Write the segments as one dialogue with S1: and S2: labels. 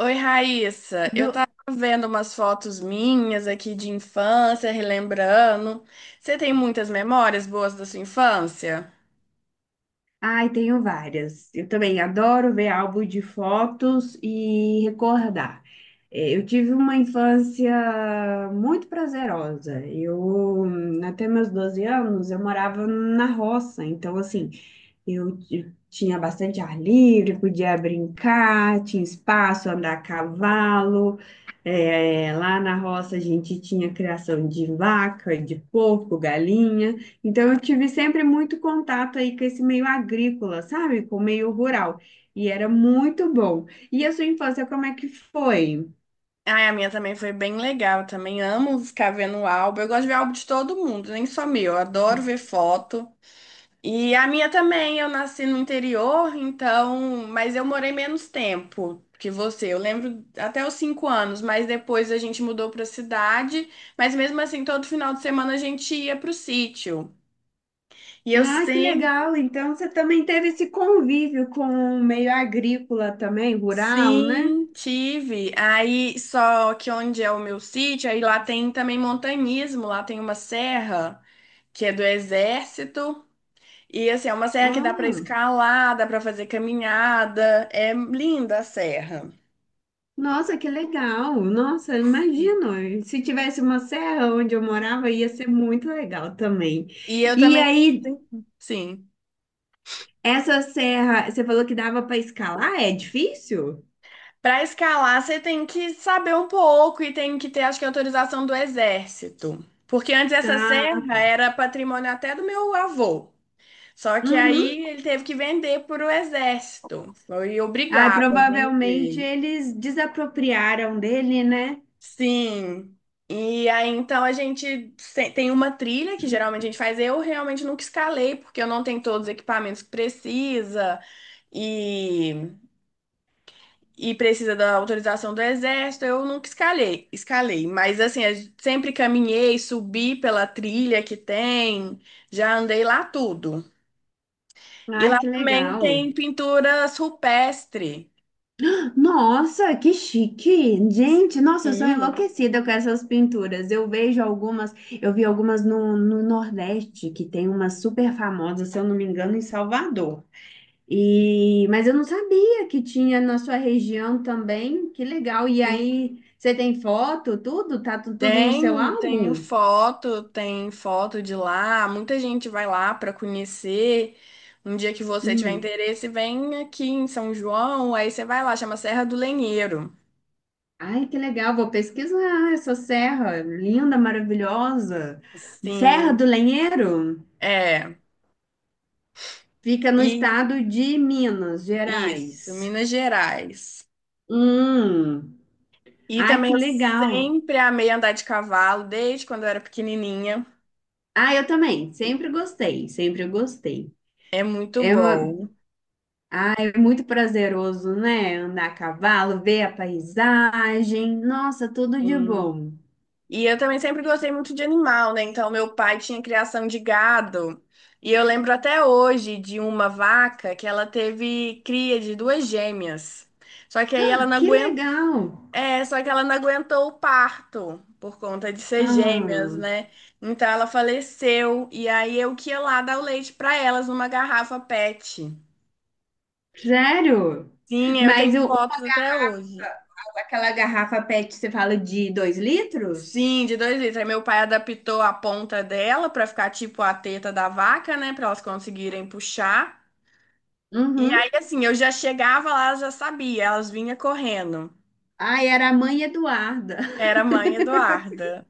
S1: Oi, Raíssa. Eu
S2: Do...
S1: tava vendo umas fotos minhas aqui de infância, relembrando. Você tem muitas memórias boas da sua infância?
S2: Ai, tenho várias. Eu também adoro ver álbum de fotos e recordar. Eu tive uma infância muito prazerosa. Até meus 12 anos, eu morava na roça. Então, assim, eu tinha bastante ar livre, podia brincar, tinha espaço, andar a cavalo. É, lá na roça a gente tinha criação de vaca, de porco, galinha. Então eu tive sempre muito contato aí com esse meio agrícola, sabe? Com o meio rural. E era muito bom. E a sua infância, como é que foi?
S1: Ai, a minha também foi bem legal. Eu também amo ficar vendo o álbum. Eu gosto de ver álbum de todo mundo, nem só meu. Eu adoro ver foto. E a minha também. Eu nasci no interior, então. Mas eu morei menos tempo que você. Eu lembro até os 5 anos, mas depois a gente mudou para cidade. Mas mesmo assim, todo final de semana a gente ia pro sítio. E eu
S2: Ah, que
S1: sempre,
S2: legal! Então você também teve esse convívio com o meio agrícola também, rural, né?
S1: sim, tive. Aí, só que onde é o meu sítio, aí lá tem também montanhismo, lá tem uma serra que é do exército. E assim, é uma serra que dá pra
S2: Ah.
S1: escalar, dá pra fazer caminhada. É linda a serra.
S2: Nossa, que legal! Nossa, imagino. Se tivesse uma serra onde eu morava, ia ser muito legal também.
S1: E eu
S2: E
S1: também,
S2: aí,
S1: sim. Sim.
S2: essa serra, você falou que dava para escalar? É difícil?
S1: Para escalar, você tem que saber um pouco e tem que ter, acho que, autorização do exército. Porque antes essa
S2: Ah,
S1: serra
S2: tá.
S1: era patrimônio até do meu avô. Só que
S2: Uhum.
S1: aí ele teve que vender para o exército. Foi
S2: Ah,
S1: obrigado a
S2: provavelmente
S1: vender.
S2: eles desapropriaram dele, né?
S1: Sim. E aí então a gente se- tem uma trilha que geralmente a gente faz. Eu realmente nunca escalei, porque eu não tenho todos os equipamentos que precisa e, e precisa da autorização do exército. Eu nunca escalei. Mas assim, eu sempre caminhei, subi pela trilha que tem, já andei lá tudo. E
S2: Ai,
S1: lá
S2: que
S1: também
S2: legal.
S1: tem pinturas rupestres.
S2: Nossa, que chique! Gente, nossa, eu sou
S1: Sim,
S2: enlouquecida com essas pinturas. Eu vejo algumas, eu vi algumas no Nordeste, que tem uma super famosa, se eu não me engano, em Salvador. Mas eu não sabia que tinha na sua região também. Que legal! E
S1: sim.
S2: aí, você tem foto, tudo? Tá tudo no seu
S1: Tenho, tenho
S2: álbum?
S1: foto, tem foto de lá. Muita gente vai lá para conhecer. Um dia que você tiver
S2: Hum.
S1: interesse, vem aqui em São João, aí você vai lá, chama Serra do Lenheiro.
S2: Ai, que legal! Vou pesquisar essa serra linda, maravilhosa. Serra do
S1: Sim,
S2: Lenheiro?
S1: é.
S2: Fica no
S1: E
S2: estado de Minas
S1: isso,
S2: Gerais.
S1: Minas Gerais.
S2: Hum,
S1: E
S2: ai,
S1: também
S2: que
S1: eu
S2: legal.
S1: sempre amei andar de cavalo, desde quando eu era pequenininha.
S2: Ah, eu também, sempre gostei, sempre gostei.
S1: É muito
S2: É,
S1: bom.
S2: ah, é muito prazeroso, né? Andar a cavalo, ver a paisagem. Nossa, tudo de bom.
S1: E eu também sempre gostei muito de animal, né? Então, meu pai tinha criação de gado. E eu lembro até hoje de uma vaca que ela teve cria de duas gêmeas. Só que aí ela
S2: Ah,
S1: não
S2: que
S1: aguentou,
S2: legal.
S1: é, só que ela não aguentou o parto por conta de ser gêmeas,
S2: Ah,
S1: né? Então ela faleceu e aí eu que ia lá dar o leite para elas numa garrafa PET.
S2: sério?
S1: Sim, eu
S2: Mas
S1: tenho fotos até hoje.
S2: aquela garrafa PET, você fala de 2 litros?
S1: Sim, de 2 litros. Aí meu pai adaptou a ponta dela pra ficar tipo a teta da vaca, né? Pra elas conseguirem puxar. E
S2: Uhum.
S1: aí, assim, eu já chegava lá, eu já sabia, elas vinham correndo.
S2: Ai, era a mãe Eduarda.
S1: Era a mãe Eduarda.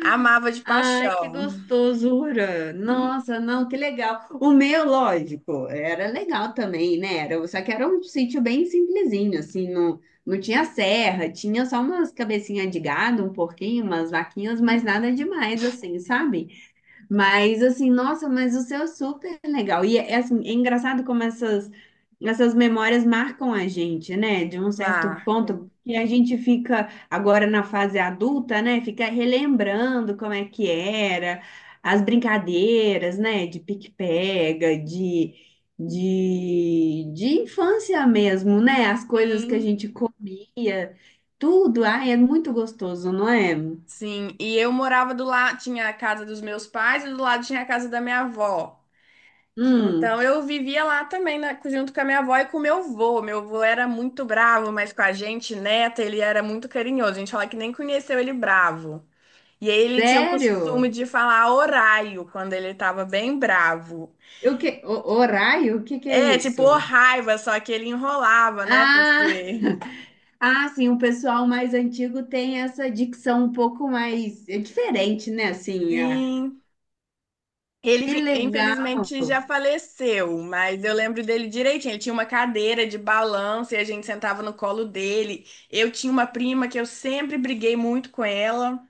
S1: Amava de
S2: Ai, que
S1: paixão.
S2: gostosura! Nossa, não, que legal. O meu, lógico, era legal também, né? Era, só que era um sítio bem simplesinho, assim, não tinha serra, tinha só umas cabecinhas de gado, um porquinho, umas vaquinhas, mas nada demais, assim, sabe? Mas assim, nossa, mas o seu é super legal. E é, assim, é engraçado como essas memórias marcam a gente, né? De um certo ponto,
S1: Marco.
S2: que a gente fica agora na fase adulta, né? Fica relembrando como é que era, as brincadeiras, né? De pique-pega, de infância mesmo, né? As coisas que a
S1: Sim,
S2: gente comia, tudo. Ai, é muito gostoso, não é?
S1: sim. E eu morava do lado, tinha a casa dos meus pais e do lado tinha a casa da minha avó. Então,
S2: Hum,
S1: eu vivia lá também, né, junto com a minha avó e com o meu avô. Meu avô era muito bravo, mas com a gente, neta, ele era muito carinhoso. A gente fala que nem conheceu ele bravo. E aí ele tinha o
S2: sério?
S1: costume de falar oraio quando ele estava bem bravo.
S2: O que, horário? O que que é
S1: É, tipo, ô
S2: isso?
S1: raiva, só que ele enrolava, né, por
S2: Ah,
S1: ser.
S2: ah, sim, o pessoal mais antigo tem essa dicção um pouco mais é diferente, né? Assim, ah,
S1: Sim.
S2: que legal.
S1: Infelizmente, já faleceu, mas eu lembro dele direitinho. Ele tinha uma cadeira de balanço e a gente sentava no colo dele. Eu tinha uma prima que eu sempre briguei muito com ela,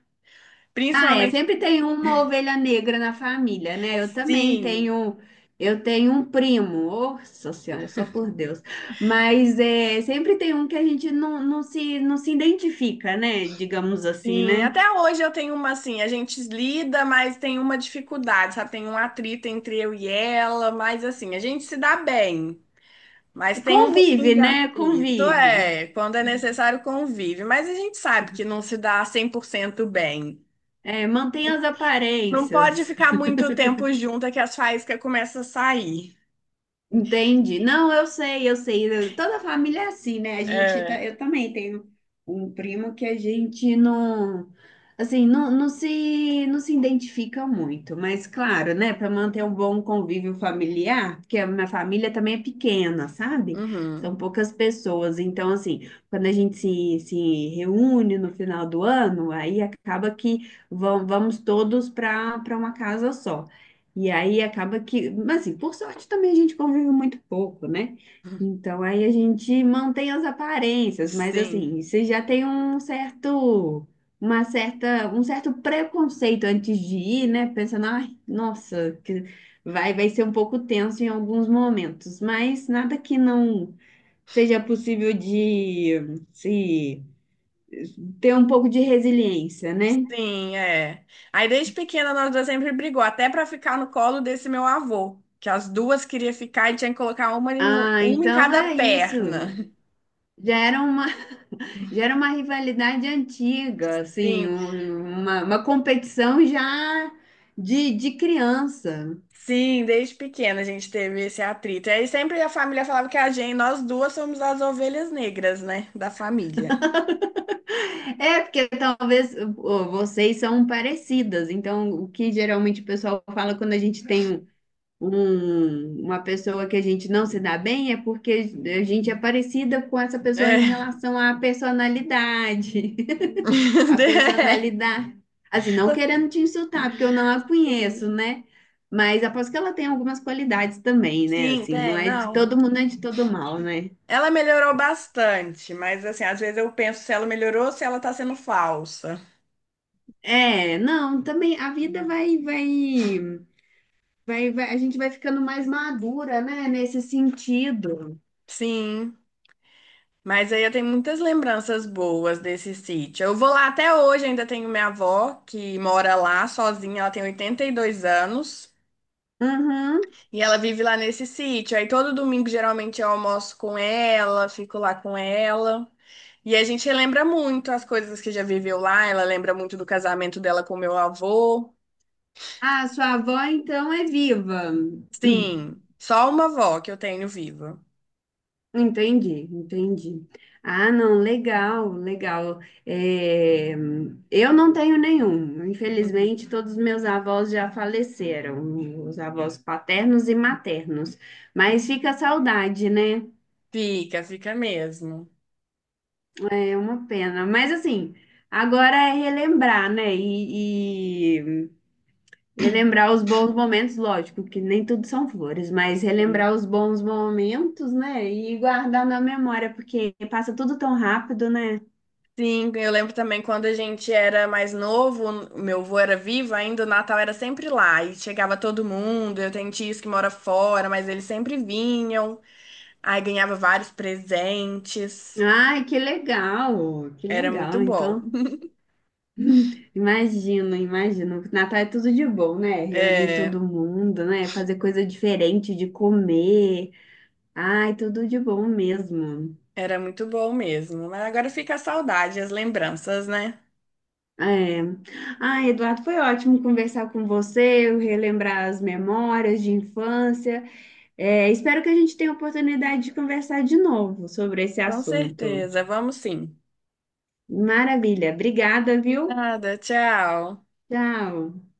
S2: Ah, é,
S1: principalmente.
S2: sempre tem uma ovelha negra na família, né? Eu também
S1: Sim,
S2: tenho, eu tenho um primo, nossa senhora, só por Deus. Mas é, sempre tem um que a gente não se identifica, né? Digamos assim,
S1: sim.
S2: né?
S1: Até hoje eu tenho uma assim, a gente lida, mas tem uma dificuldade, sabe? Tem um atrito entre eu e ela, mas assim, a gente se dá bem. Mas tem um pouquinho
S2: Convive,
S1: de
S2: né?
S1: atrito,
S2: Convive.
S1: é, quando é necessário convive. Mas a gente sabe que não se dá 100% bem.
S2: É, mantém as
S1: Não pode
S2: aparências.
S1: ficar muito tempo junto é que as faíscas começam a sair.
S2: Entende? Não, eu sei, eu sei. Toda família é assim, né? A gente tá,
S1: É.
S2: eu também tenho um primo que a gente assim, não se identifica muito, mas claro, né? Para manter um bom convívio familiar, porque a minha família também é pequena, sabe?
S1: Uhum.
S2: São poucas pessoas, então assim, quando a gente se reúne no final do ano, aí acaba que vamos todos para uma casa só. E aí acaba que, mas assim, por sorte também a gente convive muito pouco, né? Então aí a gente mantém as aparências, mas
S1: Sim.
S2: assim, você já tem um certo, um certo preconceito antes de ir, né? Pensando, ai, nossa, que vai ser um pouco tenso em alguns momentos, mas nada que não seja possível de se ter um pouco de resiliência, né?
S1: Sim, é. Aí desde pequena nós duas sempre brigou, até pra ficar no colo desse meu avô, que as duas queriam ficar e tinha que colocar
S2: Ah,
S1: uma em
S2: então
S1: cada
S2: é isso.
S1: perna.
S2: Já era uma Já era uma rivalidade antiga, assim,
S1: Sim,
S2: uma competição já de criança.
S1: sim, desde pequena a gente teve esse atrito. E aí sempre a família falava que a gente, nós duas somos as ovelhas negras, né, da família.
S2: É, porque talvez vocês são parecidas, então o que geralmente o pessoal fala quando a gente tem uma pessoa que a gente não se dá bem é porque a gente é parecida com essa pessoa em
S1: É.
S2: relação à personalidade. A personalidade, assim, não
S1: É.
S2: querendo te insultar, porque eu não a
S1: Sim,
S2: conheço, né? Mas aposto que ela tem algumas qualidades também, né?
S1: sim,
S2: Assim, não
S1: tem,
S2: é de
S1: não.
S2: todo mundo, não é de todo mal, né?
S1: Ela melhorou bastante, mas assim, às vezes eu penso se ela melhorou ou se ela tá sendo falsa.
S2: É, não, também a vida a gente vai ficando mais madura, né? Nesse sentido.
S1: Sim, mas aí eu tenho muitas lembranças boas desse sítio. Eu vou lá até hoje, ainda tenho minha avó que mora lá sozinha, ela tem 82 anos
S2: Uhum.
S1: e ela vive lá nesse sítio. Aí todo domingo geralmente eu almoço com ela, fico lá com ela. E a gente lembra muito as coisas que já viveu lá, ela lembra muito do casamento dela com meu avô.
S2: Ah, sua avó então é viva.
S1: Sim, só uma avó que eu tenho viva.
S2: Entendi, entendi. Ah, não, legal, legal. É, eu não tenho nenhum.
S1: Uhum.
S2: Infelizmente, todos os meus avós já faleceram, os avós paternos e maternos. Mas fica a saudade, né?
S1: Fica, fica mesmo.
S2: É uma pena. Mas assim, agora é relembrar, né? Relembrar os bons momentos, lógico, que nem tudo são flores, mas
S1: Sim.
S2: relembrar os bons momentos, né? E guardar na memória, porque passa tudo tão rápido, né?
S1: Sim, eu lembro também quando a gente era mais novo, o meu avô era vivo ainda, o Natal era sempre lá e chegava todo mundo. Eu tenho tios que mora fora, mas eles sempre vinham. Aí ganhava vários presentes.
S2: Ai, que legal, que
S1: Era muito
S2: legal.
S1: bom.
S2: Então, imagino, imagino. Natal é tudo de bom, né? Reunir
S1: É,
S2: todo mundo, né? Fazer coisa diferente de comer. Ai, tudo de bom mesmo.
S1: era muito bom mesmo. Mas agora fica a saudade, as lembranças, né?
S2: É. Ai, Eduardo, foi ótimo conversar com você, relembrar as memórias de infância. É, espero que a gente tenha a oportunidade de conversar de novo sobre esse
S1: Com
S2: assunto.
S1: certeza. Vamos sim.
S2: Maravilha. Obrigada, viu?
S1: Nada, tchau.
S2: Tchau.